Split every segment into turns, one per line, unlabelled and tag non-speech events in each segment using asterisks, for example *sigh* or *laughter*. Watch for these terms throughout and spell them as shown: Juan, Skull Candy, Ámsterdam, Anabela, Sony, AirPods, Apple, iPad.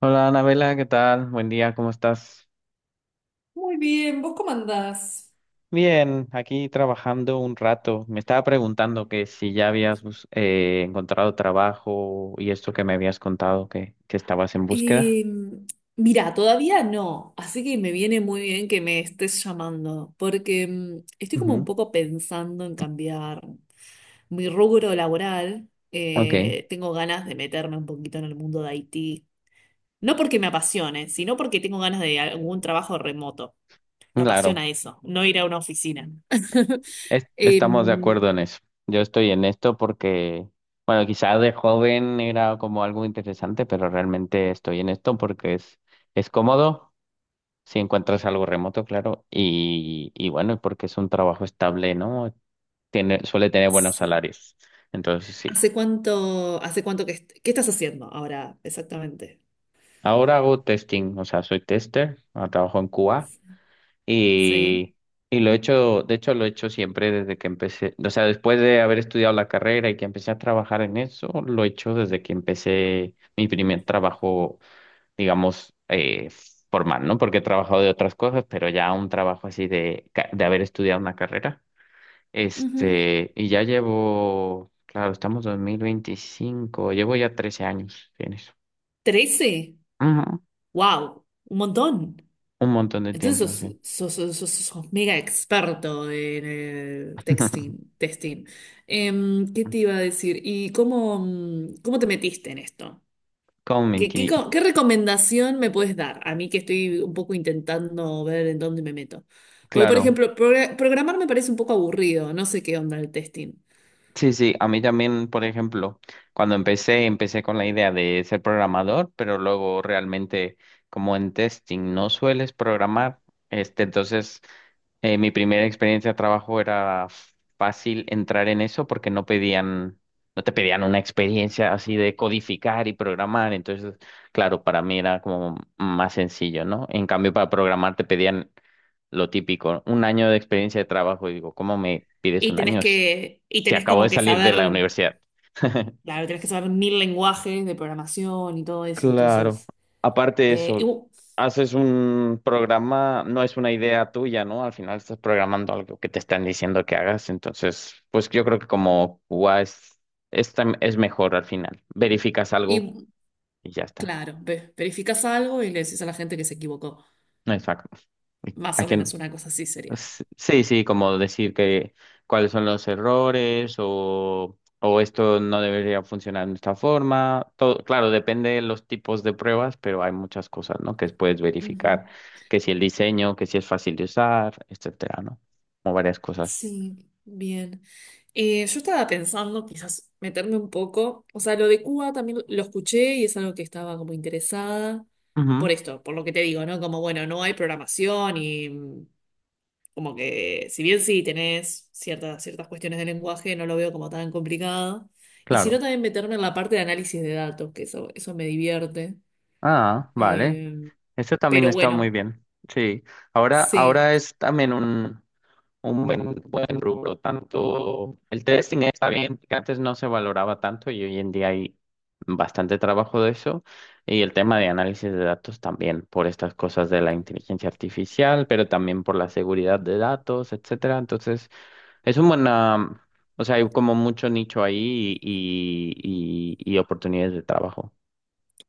Hola Anabela, ¿qué tal? Buen día, ¿cómo estás?
Muy bien, ¿vos cómo andás?
Bien, aquí trabajando un rato. Me estaba preguntando que si ya habías encontrado trabajo y esto que me habías contado que estabas en búsqueda.
Eh, Mira, todavía no, así que me viene muy bien que me estés llamando, porque estoy como un
Ujú.
poco pensando en cambiar mi rubro laboral.
Ok,
Tengo ganas de meterme un poquito en el mundo de IT, no porque me apasione, sino porque tengo ganas de algún trabajo remoto. Me
claro,
apasiona eso, no ir a una oficina. *laughs*
estamos de
Em,
acuerdo en eso. Yo estoy en esto porque, bueno, quizá de joven era como algo interesante, pero realmente estoy en esto porque es cómodo. Si encuentras algo remoto, claro, y bueno, porque es un trabajo estable, ¿no? Tiene, suele tener buenos
sí.
salarios. Entonces, sí.
¿Hace cuánto qué estás haciendo ahora exactamente?
Ahora hago testing, o sea, soy tester, trabajo en Cuba
Sí.
y, y lo he hecho, de hecho, lo he hecho siempre desde que empecé, o sea, después de haber estudiado la carrera y que empecé a trabajar en eso, lo he hecho desde que empecé mi primer trabajo, digamos, formal, ¿no? Porque he trabajado de otras cosas, pero ya un trabajo así de haber estudiado una carrera.
Ujú.
Y ya llevo, claro, estamos 2025, llevo ya 13 años en eso.
¿Trece?
Ujú,
¡Wow! Un montón.
un montón de
Entonces
tiempo, sí.
sos mega experto en
*laughs*
testing. Em, ¿qué te iba a decir? ¿Y cómo, cómo te metiste en esto?
Como
¿Qué recomendación me puedes dar a mí que estoy un poco intentando ver en dónde me meto? Porque, por
claro.
ejemplo, programar me parece un poco aburrido, no sé qué onda el testing.
Sí, sí, a mí también, por ejemplo, cuando empecé, empecé con la idea de ser programador, pero luego realmente como en testing no sueles programar, entonces mi primera experiencia de trabajo era fácil entrar en eso porque no pedían, no te pedían una experiencia así de codificar y programar, entonces, claro, para mí era como más sencillo, ¿no? En cambio, para programar te pedían lo típico, un año de experiencia de trabajo. Y digo, ¿cómo me pides
Y
un
tenés
año si,
que, y
si
tenés
acabo de
como que
salir de la
saber.
universidad? *laughs*
Claro, tienes que saber mil lenguajes de programación y todo eso.
Claro.
Entonces,
Aparte de
eh, y,
eso,
bu-
haces un programa, no es una idea tuya, ¿no? Al final estás programando algo que te están diciendo que hagas. Entonces, pues yo creo que como QA es mejor al final. Verificas
y
algo
bu-
y ya está.
claro, verificas algo y le decís a la gente que se equivocó.
No es fac-
Más
¿A
o menos
quién?
una cosa así sería.
Sí, sí, como decir que cuáles son los errores o esto no debería funcionar de esta forma. Todo, claro, depende de los tipos de pruebas, pero hay muchas cosas, ¿no? Que puedes
Ujú.
verificar, que si el diseño, que si es fácil de usar, etcétera, ¿no? Como varias cosas.
Sí, bien. Yo estaba pensando quizás meterme un poco, o sea, lo de Cuba también lo escuché y es algo que estaba como interesada
Ujú,
por esto, por lo que te digo, ¿no? Como, bueno, no hay programación y como que, si bien sí tenés ciertas cuestiones de lenguaje, no lo veo como tan complicado. Y si no,
claro.
también meterme en la parte de análisis de datos, eso me divierte.
Ah, vale.
Eh,
Esto también
pero
está muy
bueno,
bien. Sí. Ahora,
sí.
ahora es también un buen, buen rubro. Tanto el testing está bien, que antes no se valoraba tanto y hoy en día hay bastante trabajo de eso. Y el tema de análisis de datos también, por estas cosas de la inteligencia artificial, pero también por la seguridad de datos, etcétera. Entonces, es un buen, o sea, hay como mucho nicho ahí y oportunidades de trabajo.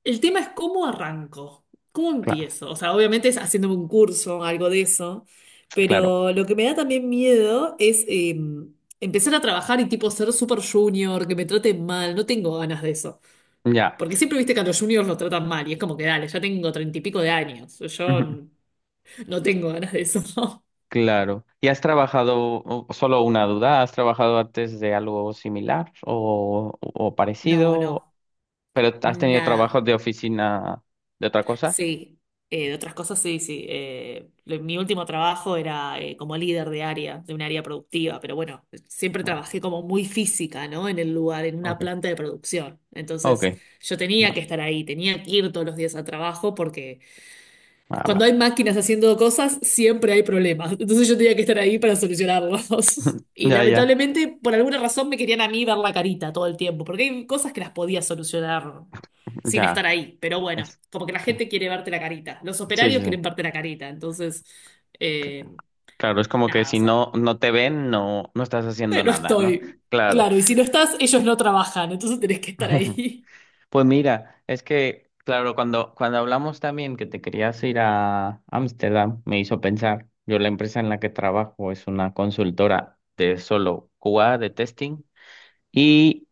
El tema es cómo arranco, cómo
Claro,
empiezo. O sea, obviamente es haciéndome un curso, algo de eso.
claro.
Pero lo que me da también miedo es empezar a trabajar y tipo ser super junior, que me traten mal. No tengo ganas de eso.
Ya.
Porque siempre viste que a los juniors los tratan mal y es como que dale, ya tengo treinta y pico de años.
*laughs*
No tengo ganas de eso. *laughs*
Claro. ¿Y has trabajado, solo una duda, has trabajado antes de algo similar o
No,
parecido,
no,
pero has tenido trabajos
nada.
de oficina de otra cosa?
Sí, de otras cosas sí, sí. Mi último trabajo era como líder de área, de un área productiva, pero bueno, siempre
Ah,
trabajé como muy física, ¿no? En el lugar, en una
ok,
planta de producción.
ok,
Entonces yo tenía que
va,
estar ahí, tenía que ir todos los días al trabajo porque
va,
cuando
va.
hay máquinas haciendo cosas, siempre hay problemas. Entonces yo tenía que estar ahí para solucionarlos. *laughs*
*laughs*
Y
Ya, ya,
lamentablemente, por alguna razón, me querían a mí ver la carita todo el tiempo, porque hay cosas que las podía solucionar sin estar
ya.
ahí. Pero bueno,
Es,
como que la
claro.
gente quiere verte la carita. Los
Sí, sí,
operarios
sí.
quieren verte la carita. Entonces,
Cl-
eh,
Claro, es como que
nada, o
si
sea,
no te ven, no estás haciendo
no
nada, ¿no?
estoy.
Claro.
Claro, y si no estás, ellos no trabajan, entonces tenés que estar
*laughs*
ahí. *laughs*
Pues mira, es que, claro, cuando hablamos también que te querías ir a Ámsterdam, me hizo pensar, yo la empresa en la que trabajo es una consultora de solo QA de testing y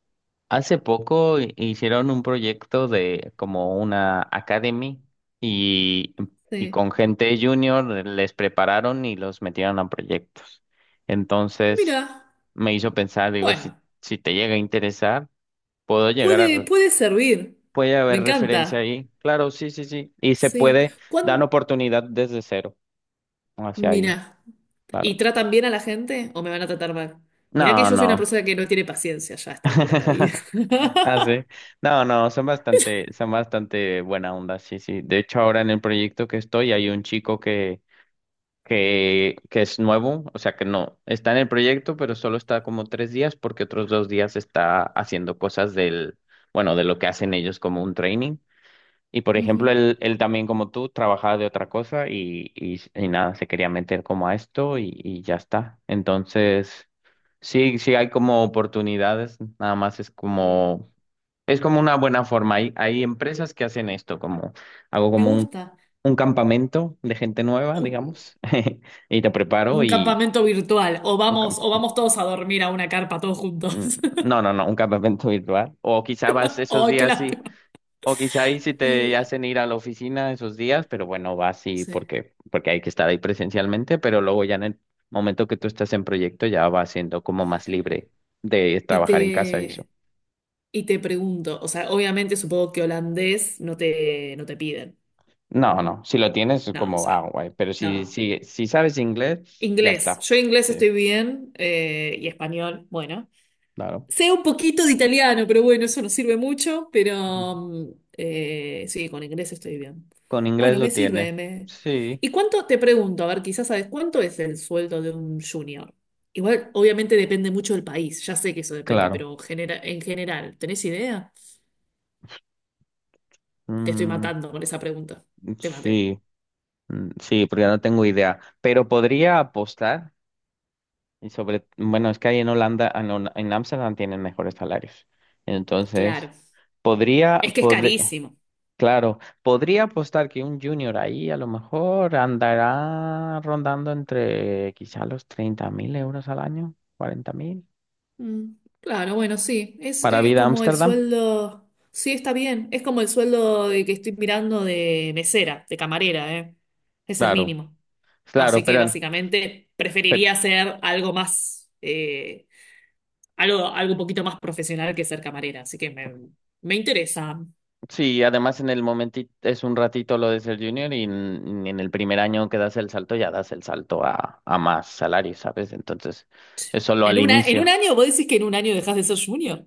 hace poco hicieron un proyecto de como una academy y, y
Sí.
con gente junior les prepararon y los metieron a proyectos. Entonces
Mira,
me hizo pensar, digo, si,
bueno,
si te llega a interesar puedo llegar a
puede servir.
puede
Me
haber referencia
encanta.
ahí. Claro, sí, sí, sí. Y se
Sí.
puede dar
¿Cuándo?
oportunidad desde cero hacia ahí.
Mira, ¿y
Claro.
tratan bien a la gente o me van a tratar mal? Mira que
No,
yo soy una
no.
persona que no tiene paciencia ya a esta altura de la vida.
*laughs*
*laughs*
Ah, sí. No, no, son bastante buena onda, sí, sí. De hecho, ahora en el proyecto que estoy hay un chico que es nuevo, o sea que no, está en el proyecto, pero solo está como 3 días porque otros 2 días está haciendo cosas del, bueno, de lo que hacen ellos como un training. Y por ejemplo,
Ujú.
él también como tú trabajaba de otra cosa y nada, se quería meter como a esto y ya está. Entonces, sí, sí hay como oportunidades, nada más
Mm,
es como una buena forma. Hay empresas que hacen esto, como hago
me
como un,
gusta.
un campamento de gente nueva,
Un,
digamos, *laughs* y te preparo
un
y...
campamento virtual.
Un
O
campa-
vamos todos a dormir a una carpa todos juntos.
mm,
*laughs*
No, no, no, un campamento *laughs* virtual. O quizá vas esos
¡Ay, qué
días.
lástima!
O quizá ahí sí te
Eh,
hacen ir a la oficina esos días, pero bueno, va así
sí.
porque hay que estar ahí presencialmente, pero luego ya en el momento que tú estás en proyecto ya va siendo como más libre de
Y
trabajar en casa y eso.
te, y te pregunto, o sea, obviamente supongo que holandés no te piden.
No, no, si lo tienes es
No, o
como, ah,
sea,
guay, pero si,
no.
si, si sabes inglés, ya
Inglés.
está.
Yo inglés
Sí,
estoy bien y español, bueno.
claro.
Sé un poquito de italiano, pero bueno, eso no sirve mucho,
Ujú.
pero sí, con inglés estoy bien.
Con inglés
Bueno, me
lo tiene.
sirve. Me...
Sí,
te pregunto, a ver, quizás sabes, ¿cuánto es el sueldo de un junior? Igual, obviamente depende mucho del país, ya sé que eso depende,
claro.
pero en general, ¿tenés idea? Te estoy
Mm,
matando con esa pregunta. Te maté.
sí, mm, sí, porque no tengo idea, pero podría apostar. Y sobre, bueno, es que ahí en Holanda, en Ámsterdam tienen mejores salarios.
Claro.
Entonces, podría,
Es que es
pod-
carísimo.
claro, podría apostar que un junior ahí a lo mejor andará rondando entre quizá los 30.000 euros al año, 40.000.
Mm, Claro, bueno, sí, es,
Para vida
como el
Ámsterdam,
sueldo, sí, está bien, es como el sueldo de que estoy mirando de mesera, de camarera, ¿eh? Es el
claro,
mínimo.
claro,
Así que
pero,
básicamente
pero
preferiría hacer algo más, algo un poquito más profesional que ser camarera, así que me interesa.
sí, además en el momentito es un ratito lo de ser junior y en el primer año que das el salto ya das el salto a más salarios, ¿sabes? Entonces, es solo al
¿En una, en un
inicio.
año? ¿Vos decís que en un año dejas de ser junior?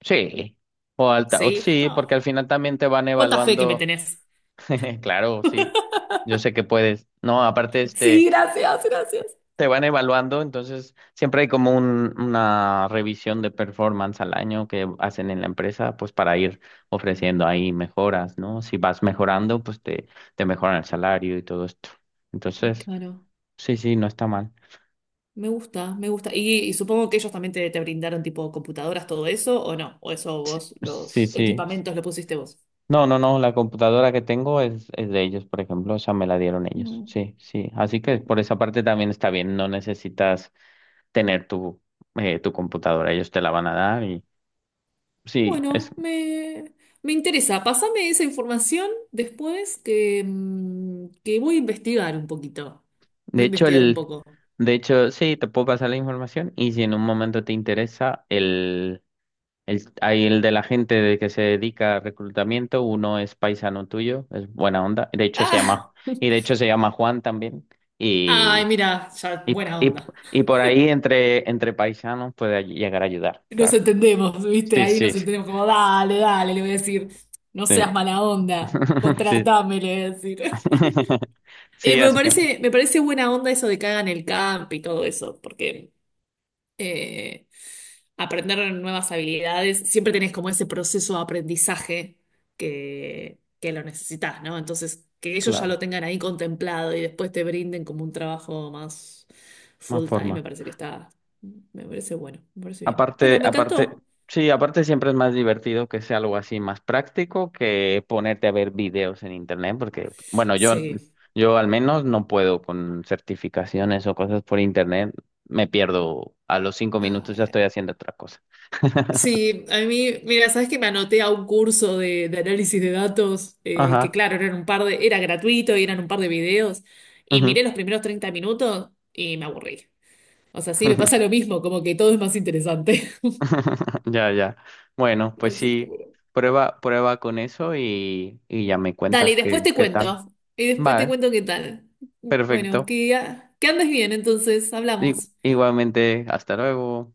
Sí, o alta, o
Sí.
sí, porque
Ah,
al final también te van
¿cuánta fe que me
evaluando,
tenés?
*laughs* claro, sí, yo sé que puedes, no, aparte este,
Sí, gracias, gracias.
te van evaluando, entonces siempre hay como una revisión de performance al año que hacen en la empresa, pues para ir ofreciendo ahí mejoras, ¿no? Si vas mejorando, pues te mejoran el salario y todo esto. Entonces,
Claro.
sí, sí, no está mal.
Me gusta, me gusta. Y supongo que ellos también te brindaron tipo computadoras, todo eso, ¿o no? ¿O eso vos,
Sí,
los
sí.
equipamientos lo pusiste vos?
No, no, no, la computadora que tengo es de ellos, por ejemplo, o sea, me la dieron ellos,
Bueno.
sí, sí, así que por esa parte también está bien, no necesitas tener tu computadora, ellos te la van a dar y sí, es,
Bueno, me, me interesa. Pásame esa información después que, que voy a investigar un poquito.
de
Voy a
hecho,
investigar un poco.
de hecho, sí, te puedo pasar la información y si en un momento te interesa, hay el de la gente de que se dedica a reclutamiento, uno es paisano tuyo, es buena onda, de hecho se
¡Ah!
llama, y de
*laughs*
hecho se llama Juan también
Ay,
y
mira, ya,
Y,
buena
y,
onda.
y por ahí entre paisanos puede llegar a ayudar,
Nos
claro.
entendemos, ¿viste?
Sí,
Ahí
sí,
nos entendemos como, dale, dale, le voy a decir, no
sí.
seas mala onda,
*laughs* Sí.
contratame, le voy a decir.
*laughs* Sí, así que, bueno,
Me parece buena onda eso de que hagan el camp y todo eso, porque eh, aprender nuevas habilidades, siempre tenés como ese proceso de aprendizaje que lo necesitas, ¿no? Entonces, que ellos ya
claro,
lo tengan ahí contemplado y después te brinden como un trabajo más
más
full time, me
forma.
parece que está, me parece bueno, me parece bien.
Aparte,
Bueno, me
aparte,
encantó.
sí, aparte siempre es más divertido que sea algo así más práctico que ponerte a ver videos en internet, porque, bueno, yo,
Sí.
yo al menos no puedo con certificaciones o cosas por internet. Me pierdo a los 5 minutos, ya estoy haciendo otra cosa. *laughs*
Sí, a mí, mira, sabes que me anoté a un curso de análisis de datos, que
Ajá.
claro, eran un par de, era gratuito y eran un par de videos, y
Ujú.
miré los primeros 30 minutos y me aburrí. O sea, sí, me pasa
*laughs*
lo mismo, como que todo es más interesante.
*laughs* Ya, ya. Bueno,
*laughs*
pues
Así que
sí,
bueno.
prueba, prueba con eso y ya me
Dale, y
cuentas
después
qué,
te
qué tal.
cuento. Y después te
Vale,
cuento qué tal. Bueno,
perfecto.
que, ah, que andes bien, entonces, hablamos.
Igualmente, hasta luego.